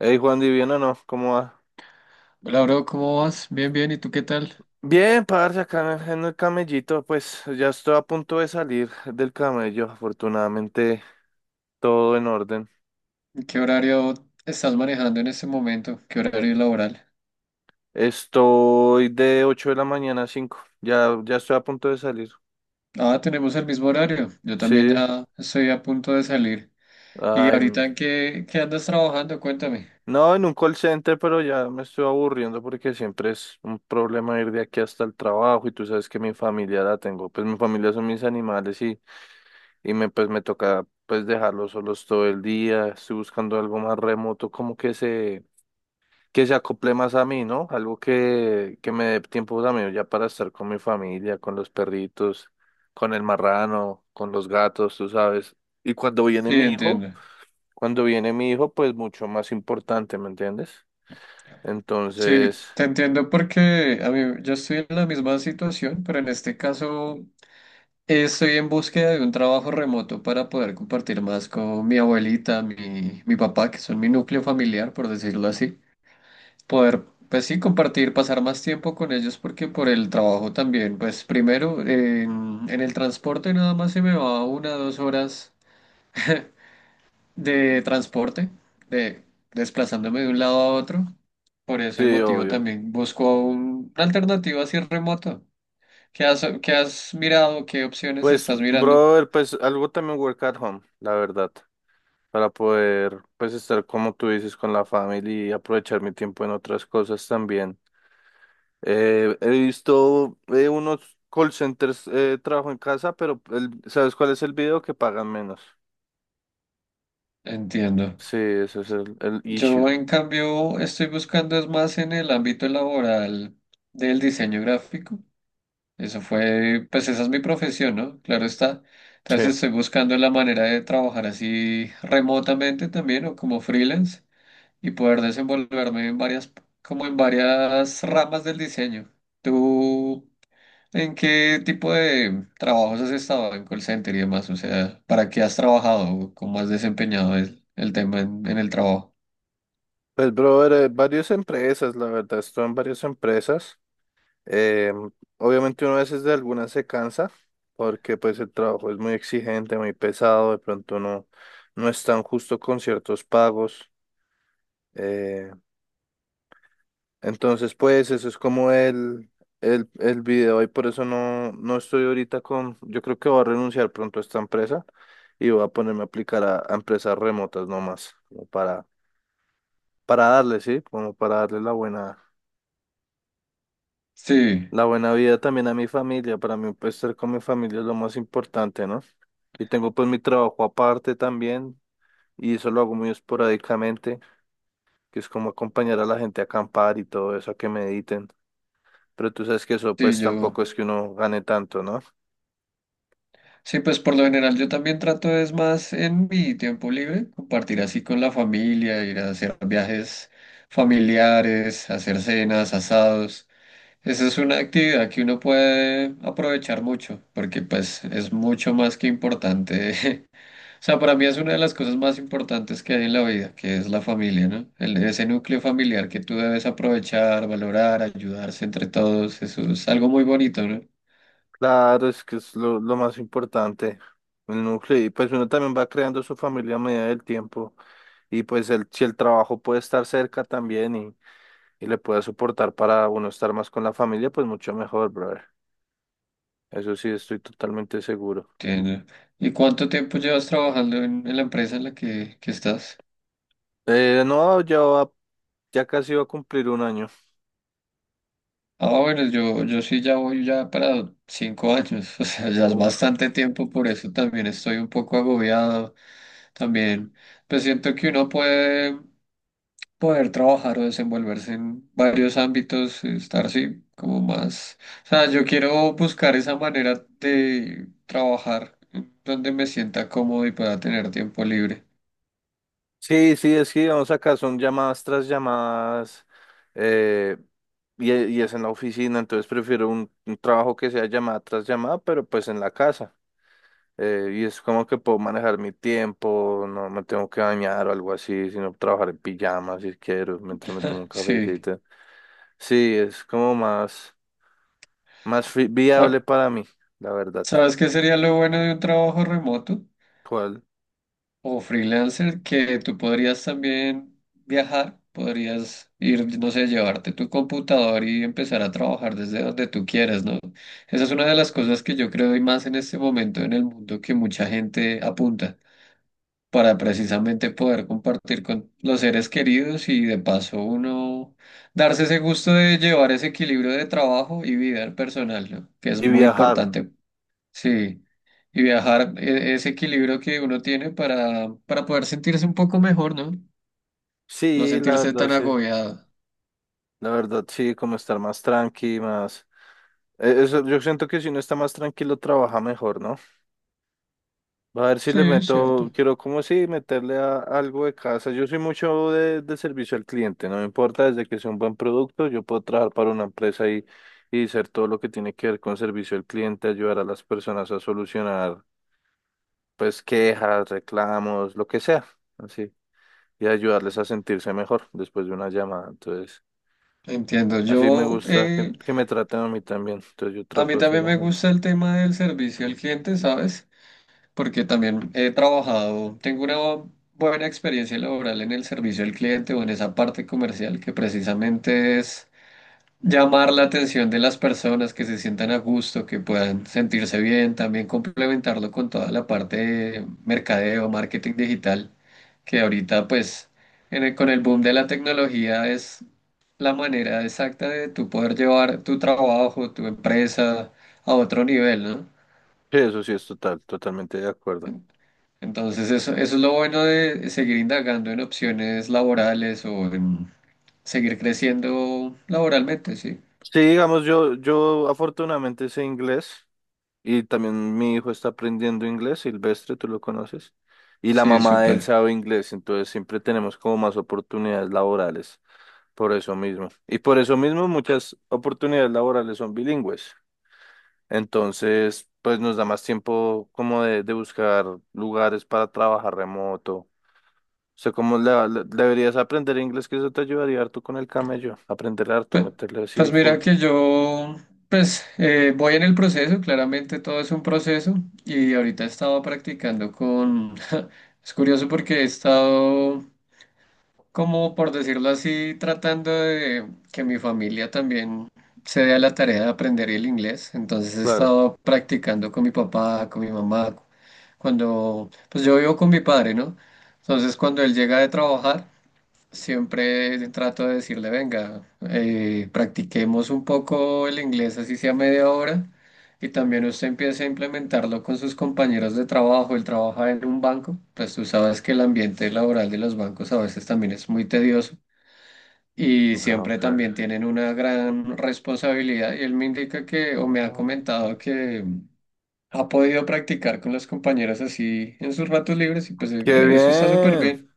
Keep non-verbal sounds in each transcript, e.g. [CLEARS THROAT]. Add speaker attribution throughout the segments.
Speaker 1: Hey, Juan, ¿y bien o no? ¿Cómo va?
Speaker 2: Hola, bro, ¿cómo vas? Bien, bien, ¿y tú qué tal?
Speaker 1: Bien, parce, acá en el camellito, pues ya estoy a punto de salir del camello, afortunadamente todo en orden.
Speaker 2: ¿Qué horario estás manejando en este momento? ¿Qué horario laboral?
Speaker 1: Estoy de 8 de la mañana a 5. Ya estoy a punto de salir.
Speaker 2: Ah, tenemos el mismo horario. Yo también
Speaker 1: Sí,
Speaker 2: ya estoy a punto de salir. ¿Y
Speaker 1: ay, no.
Speaker 2: ahorita en qué andas trabajando? Cuéntame.
Speaker 1: No, en un call center, pero ya me estoy aburriendo porque siempre es un problema ir de aquí hasta el trabajo, y tú sabes que mi familia la tengo, pues mi familia son mis animales. Y me pues me toca pues dejarlos solos todo el día. Estoy buscando algo más remoto, como que se acople más a mí, ¿no? Algo que me dé tiempo también ya para estar con mi familia, con los perritos, con el marrano, con los gatos, tú sabes. Y cuando viene
Speaker 2: Sí,
Speaker 1: mi hijo,
Speaker 2: entiendo.
Speaker 1: cuando viene mi hijo, pues mucho más importante, ¿me entiendes?
Speaker 2: Sí,
Speaker 1: Entonces,
Speaker 2: te entiendo porque a mí, yo estoy en la misma situación, pero en este caso estoy en búsqueda de un trabajo remoto para poder compartir más con mi abuelita, mi papá, que son mi núcleo familiar, por decirlo así. Poder, pues sí, compartir, pasar más tiempo con ellos porque por el trabajo también, pues primero en el transporte nada más se me va una dos horas [LAUGHS] de transporte, de desplazándome de un lado a otro. Por ese
Speaker 1: sí,
Speaker 2: motivo
Speaker 1: obvio.
Speaker 2: también busco una alternativa así remota. Qué has mirado? ¿Qué opciones
Speaker 1: Pues,
Speaker 2: estás mirando?
Speaker 1: brother, pues algo también work at home, la verdad. Para poder, pues, estar como tú dices con la familia y aprovechar mi tiempo en otras cosas también. He visto, unos call centers, trabajo en casa, pero ¿sabes cuál es el video? Que pagan menos.
Speaker 2: Entiendo.
Speaker 1: Sí, ese es el issue.
Speaker 2: Yo en cambio estoy buscando es más en el ámbito laboral del diseño gráfico. Eso fue, pues esa es mi profesión, ¿no? Claro está.
Speaker 1: Sí.
Speaker 2: Entonces estoy buscando la manera de trabajar así remotamente también o como freelance y poder desenvolverme en varias, como en varias ramas del diseño. ¿Tú en qué tipo de trabajos has estado en call center y demás? O sea, ¿para qué has trabajado? ¿Cómo has desempeñado el tema en el trabajo?
Speaker 1: Pues, brother, varias empresas, la verdad, estoy en varias empresas. Eh, obviamente uno a veces de algunas se cansa porque, pues, el trabajo es muy exigente, muy pesado. De pronto no, no es tan justo con ciertos pagos. Eh, Entonces pues eso es como el video, y por eso no, no estoy ahorita con, yo creo que voy a renunciar pronto a esta empresa y voy a ponerme a aplicar a empresas remotas nomás, como para darle, ¿sí? Como para darle
Speaker 2: Sí,
Speaker 1: la buena vida también a mi familia. Para mí, pues estar con mi familia es lo más importante, ¿no? Y tengo, pues, mi trabajo aparte también, y eso lo hago muy esporádicamente, que es como acompañar a la gente a acampar y todo eso, a que mediten. Pero tú sabes que eso,
Speaker 2: sí,
Speaker 1: pues,
Speaker 2: yo.
Speaker 1: tampoco es que uno gane tanto, ¿no?
Speaker 2: Sí, pues por lo general yo también trato es más en mi tiempo libre, compartir así con la familia, ir a hacer viajes familiares, hacer cenas, asados. Esa es una actividad que uno puede aprovechar mucho, porque pues es mucho más que importante. [LAUGHS] O sea, para mí es una de las cosas más importantes que hay en la vida, que es la familia, ¿no? El- ese núcleo familiar que tú debes aprovechar, valorar, ayudarse entre todos, eso es algo muy bonito, ¿no?
Speaker 1: Claro, es que es lo más importante, el núcleo. Y pues uno también va creando su familia a medida del tiempo. Y pues si el trabajo puede estar cerca también, y le puede soportar para uno estar más con la familia, pues mucho mejor, brother. Eso sí, estoy totalmente seguro.
Speaker 2: Entiendo. ¿Y cuánto tiempo llevas trabajando en la empresa en la que estás?
Speaker 1: No, ya casi va a cumplir un año.
Speaker 2: Ah, bueno, yo sí ya voy ya para 5 años, [LAUGHS] o sea, ya es bastante tiempo, por eso también estoy un poco agobiado. También, pues siento que uno puede poder trabajar o desenvolverse en varios ámbitos, estar así como más. O sea, yo quiero buscar esa manera de trabajar donde me sienta cómodo y pueda tener tiempo libre.
Speaker 1: Sí, sí, es que digamos acá son llamadas tras llamadas, eh, y es en la oficina, entonces prefiero un trabajo que sea llamada tras llamada, pero, pues, en la casa. Y es como que puedo manejar mi tiempo, no me tengo que bañar o algo así, sino trabajar en pijama si quiero, mientras me tomo
Speaker 2: [LAUGHS]
Speaker 1: un
Speaker 2: Sí.
Speaker 1: cafecito. Sí, es como más, más viable para mí, la verdad.
Speaker 2: ¿Sabes qué sería lo bueno de un trabajo remoto
Speaker 1: ¿Cuál?
Speaker 2: o freelancer? Que tú podrías también viajar, podrías ir, no sé, llevarte tu computador y empezar a trabajar desde donde tú quieras, ¿no? Esa es una de las cosas que yo creo y más en este momento en el mundo que mucha gente apunta para precisamente poder compartir con los seres queridos y de paso uno darse ese gusto de llevar ese equilibrio de trabajo y vida personal, ¿no? Que
Speaker 1: Y
Speaker 2: es muy
Speaker 1: viajar.
Speaker 2: importante. Sí. Y viajar, ese equilibrio que uno tiene para poder sentirse un poco mejor, ¿no? No
Speaker 1: Sí, la
Speaker 2: sentirse
Speaker 1: verdad,
Speaker 2: tan
Speaker 1: sí.
Speaker 2: agobiado.
Speaker 1: La verdad, sí, como estar más tranqui, más. Eso yo siento que si uno está más tranquilo, trabaja mejor, ¿no? A ver si
Speaker 2: Sí,
Speaker 1: le
Speaker 2: es
Speaker 1: meto,
Speaker 2: cierto.
Speaker 1: quiero como si meterle algo de casa. Yo soy mucho de servicio al cliente, no me importa, desde que sea un buen producto. Yo puedo trabajar para una empresa y hacer todo lo que tiene que ver con servicio al cliente, ayudar a las personas a solucionar, pues, quejas, reclamos, lo que sea, así, y ayudarles a sentirse mejor después de una llamada. Entonces,
Speaker 2: Entiendo.
Speaker 1: así me
Speaker 2: Yo,
Speaker 1: gusta que, que me traten a mí también, entonces yo
Speaker 2: a mí
Speaker 1: trato hacia
Speaker 2: también
Speaker 1: la
Speaker 2: me
Speaker 1: gente.
Speaker 2: gusta el tema del servicio al cliente, ¿sabes? Porque también he trabajado, tengo una buena experiencia laboral en el servicio al cliente o en esa parte comercial que precisamente es llamar la atención de las personas, que se sientan a gusto, que puedan sentirse bien, también complementarlo con toda la parte de mercadeo, marketing digital, que ahorita pues con el boom de la tecnología es la manera exacta de tú poder llevar tu trabajo, tu empresa a otro nivel, ¿no?
Speaker 1: Sí, eso sí es totalmente de acuerdo.
Speaker 2: En- Entonces eso es lo bueno de seguir indagando en opciones laborales o en seguir creciendo laboralmente, sí.
Speaker 1: Sí, digamos, yo afortunadamente sé inglés, y también mi hijo está aprendiendo inglés, Silvestre, tú lo conoces, y la
Speaker 2: Sí,
Speaker 1: mamá de él
Speaker 2: súper.
Speaker 1: sabe inglés, entonces siempre tenemos como más oportunidades laborales por eso mismo. Y por eso mismo, muchas oportunidades laborales son bilingües, entonces pues nos da más tiempo como de buscar lugares para trabajar remoto. O sea, como deberías aprender inglés, que eso te ayudaría harto con el camello, aprender harto,
Speaker 2: Pues,
Speaker 1: meterle así
Speaker 2: pues mira
Speaker 1: full.
Speaker 2: que yo, voy en el proceso, claramente todo es un proceso y ahorita he estado practicando con, [LAUGHS] es curioso porque he estado como por decirlo así, tratando de que mi familia también se dé a la tarea de aprender el inglés, entonces he
Speaker 1: Claro.
Speaker 2: estado practicando con mi papá, con mi mamá, cuando, pues yo vivo con mi padre, ¿no? Entonces cuando él llega de trabajar, siempre trato de decirle, venga, practiquemos un poco el inglés, así sea media hora, y también usted empiece a implementarlo con sus compañeros de trabajo. Él trabaja en un banco, pues tú sabes que el ambiente laboral de los bancos a veces también es muy tedioso y
Speaker 1: Ah,
Speaker 2: siempre
Speaker 1: ok.
Speaker 2: también tienen una gran responsabilidad. Y él me indica que, o me ha
Speaker 1: Oh,
Speaker 2: comentado que ha podido practicar con los compañeros así en sus ratos libres, y
Speaker 1: qué
Speaker 2: eso está súper
Speaker 1: bien,
Speaker 2: bien.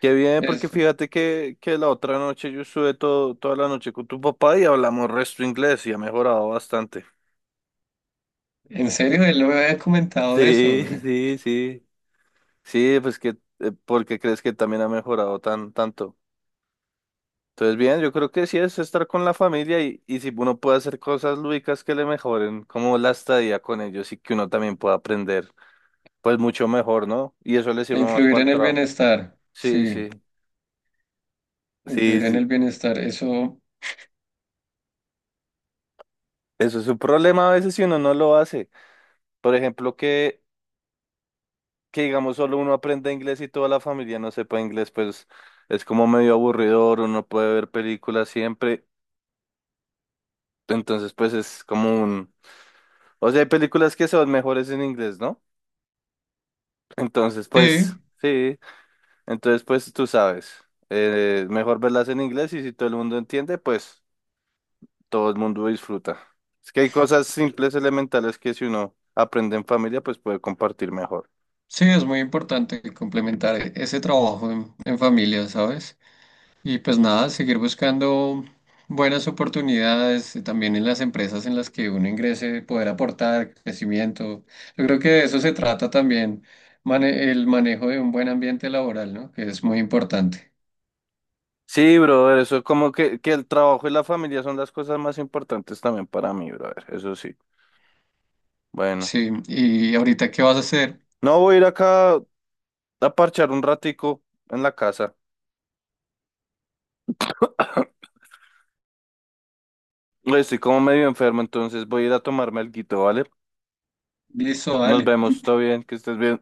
Speaker 1: qué bien, porque fíjate que la otra noche yo estuve toda la noche con tu papá y hablamos resto inglés, y ha mejorado bastante.
Speaker 2: En serio, él no me había comentado de eso,
Speaker 1: Sí,
Speaker 2: güey.
Speaker 1: sí, sí. Sí, pues que, porque crees que también ha mejorado tanto. Entonces, bien, yo creo que sí es estar con la familia, y si uno puede hacer cosas lúdicas que le mejoren, como la estadía con ellos y que uno también pueda aprender, pues mucho mejor, ¿no? Y eso le
Speaker 2: E
Speaker 1: sirve más
Speaker 2: influir
Speaker 1: para el
Speaker 2: en el
Speaker 1: trabajo.
Speaker 2: bienestar.
Speaker 1: Sí,
Speaker 2: Sí,
Speaker 1: sí. Sí,
Speaker 2: influir en
Speaker 1: sí.
Speaker 2: el bienestar. Eso,
Speaker 1: Eso es un problema a veces si uno no lo hace. Por ejemplo, que digamos solo uno aprende inglés y toda la familia no sepa inglés, pues es como medio aburridor, uno puede ver películas siempre. Entonces, pues es como un. O sea, hay películas que son mejores en inglés, ¿no? Entonces, pues
Speaker 2: sí,
Speaker 1: sí, entonces pues tú sabes, mejor verlas en inglés y si todo el mundo entiende, pues todo el mundo disfruta. Es que hay cosas simples, elementales que si uno aprende en familia, pues puede compartir mejor.
Speaker 2: sí, es muy importante complementar ese trabajo en familia, ¿sabes? Y pues nada, seguir buscando buenas oportunidades también en las empresas en las que uno ingrese, poder aportar crecimiento. Yo creo que de eso se trata también, el manejo de un buen ambiente laboral, ¿no? Que es muy importante.
Speaker 1: Sí, brother, eso es como que el trabajo y la familia son las cosas más importantes también para mí, brother, eso sí. Bueno,
Speaker 2: Sí, y ahorita, ¿qué vas a hacer?
Speaker 1: no voy a ir acá a parchar un ratico en la casa. [CLEARS THROAT] Estoy como medio enfermo, entonces voy a ir a tomarme alguito, ¿vale?
Speaker 2: Listo,
Speaker 1: Nos
Speaker 2: dale.
Speaker 1: vemos, todo bien, que estés bien.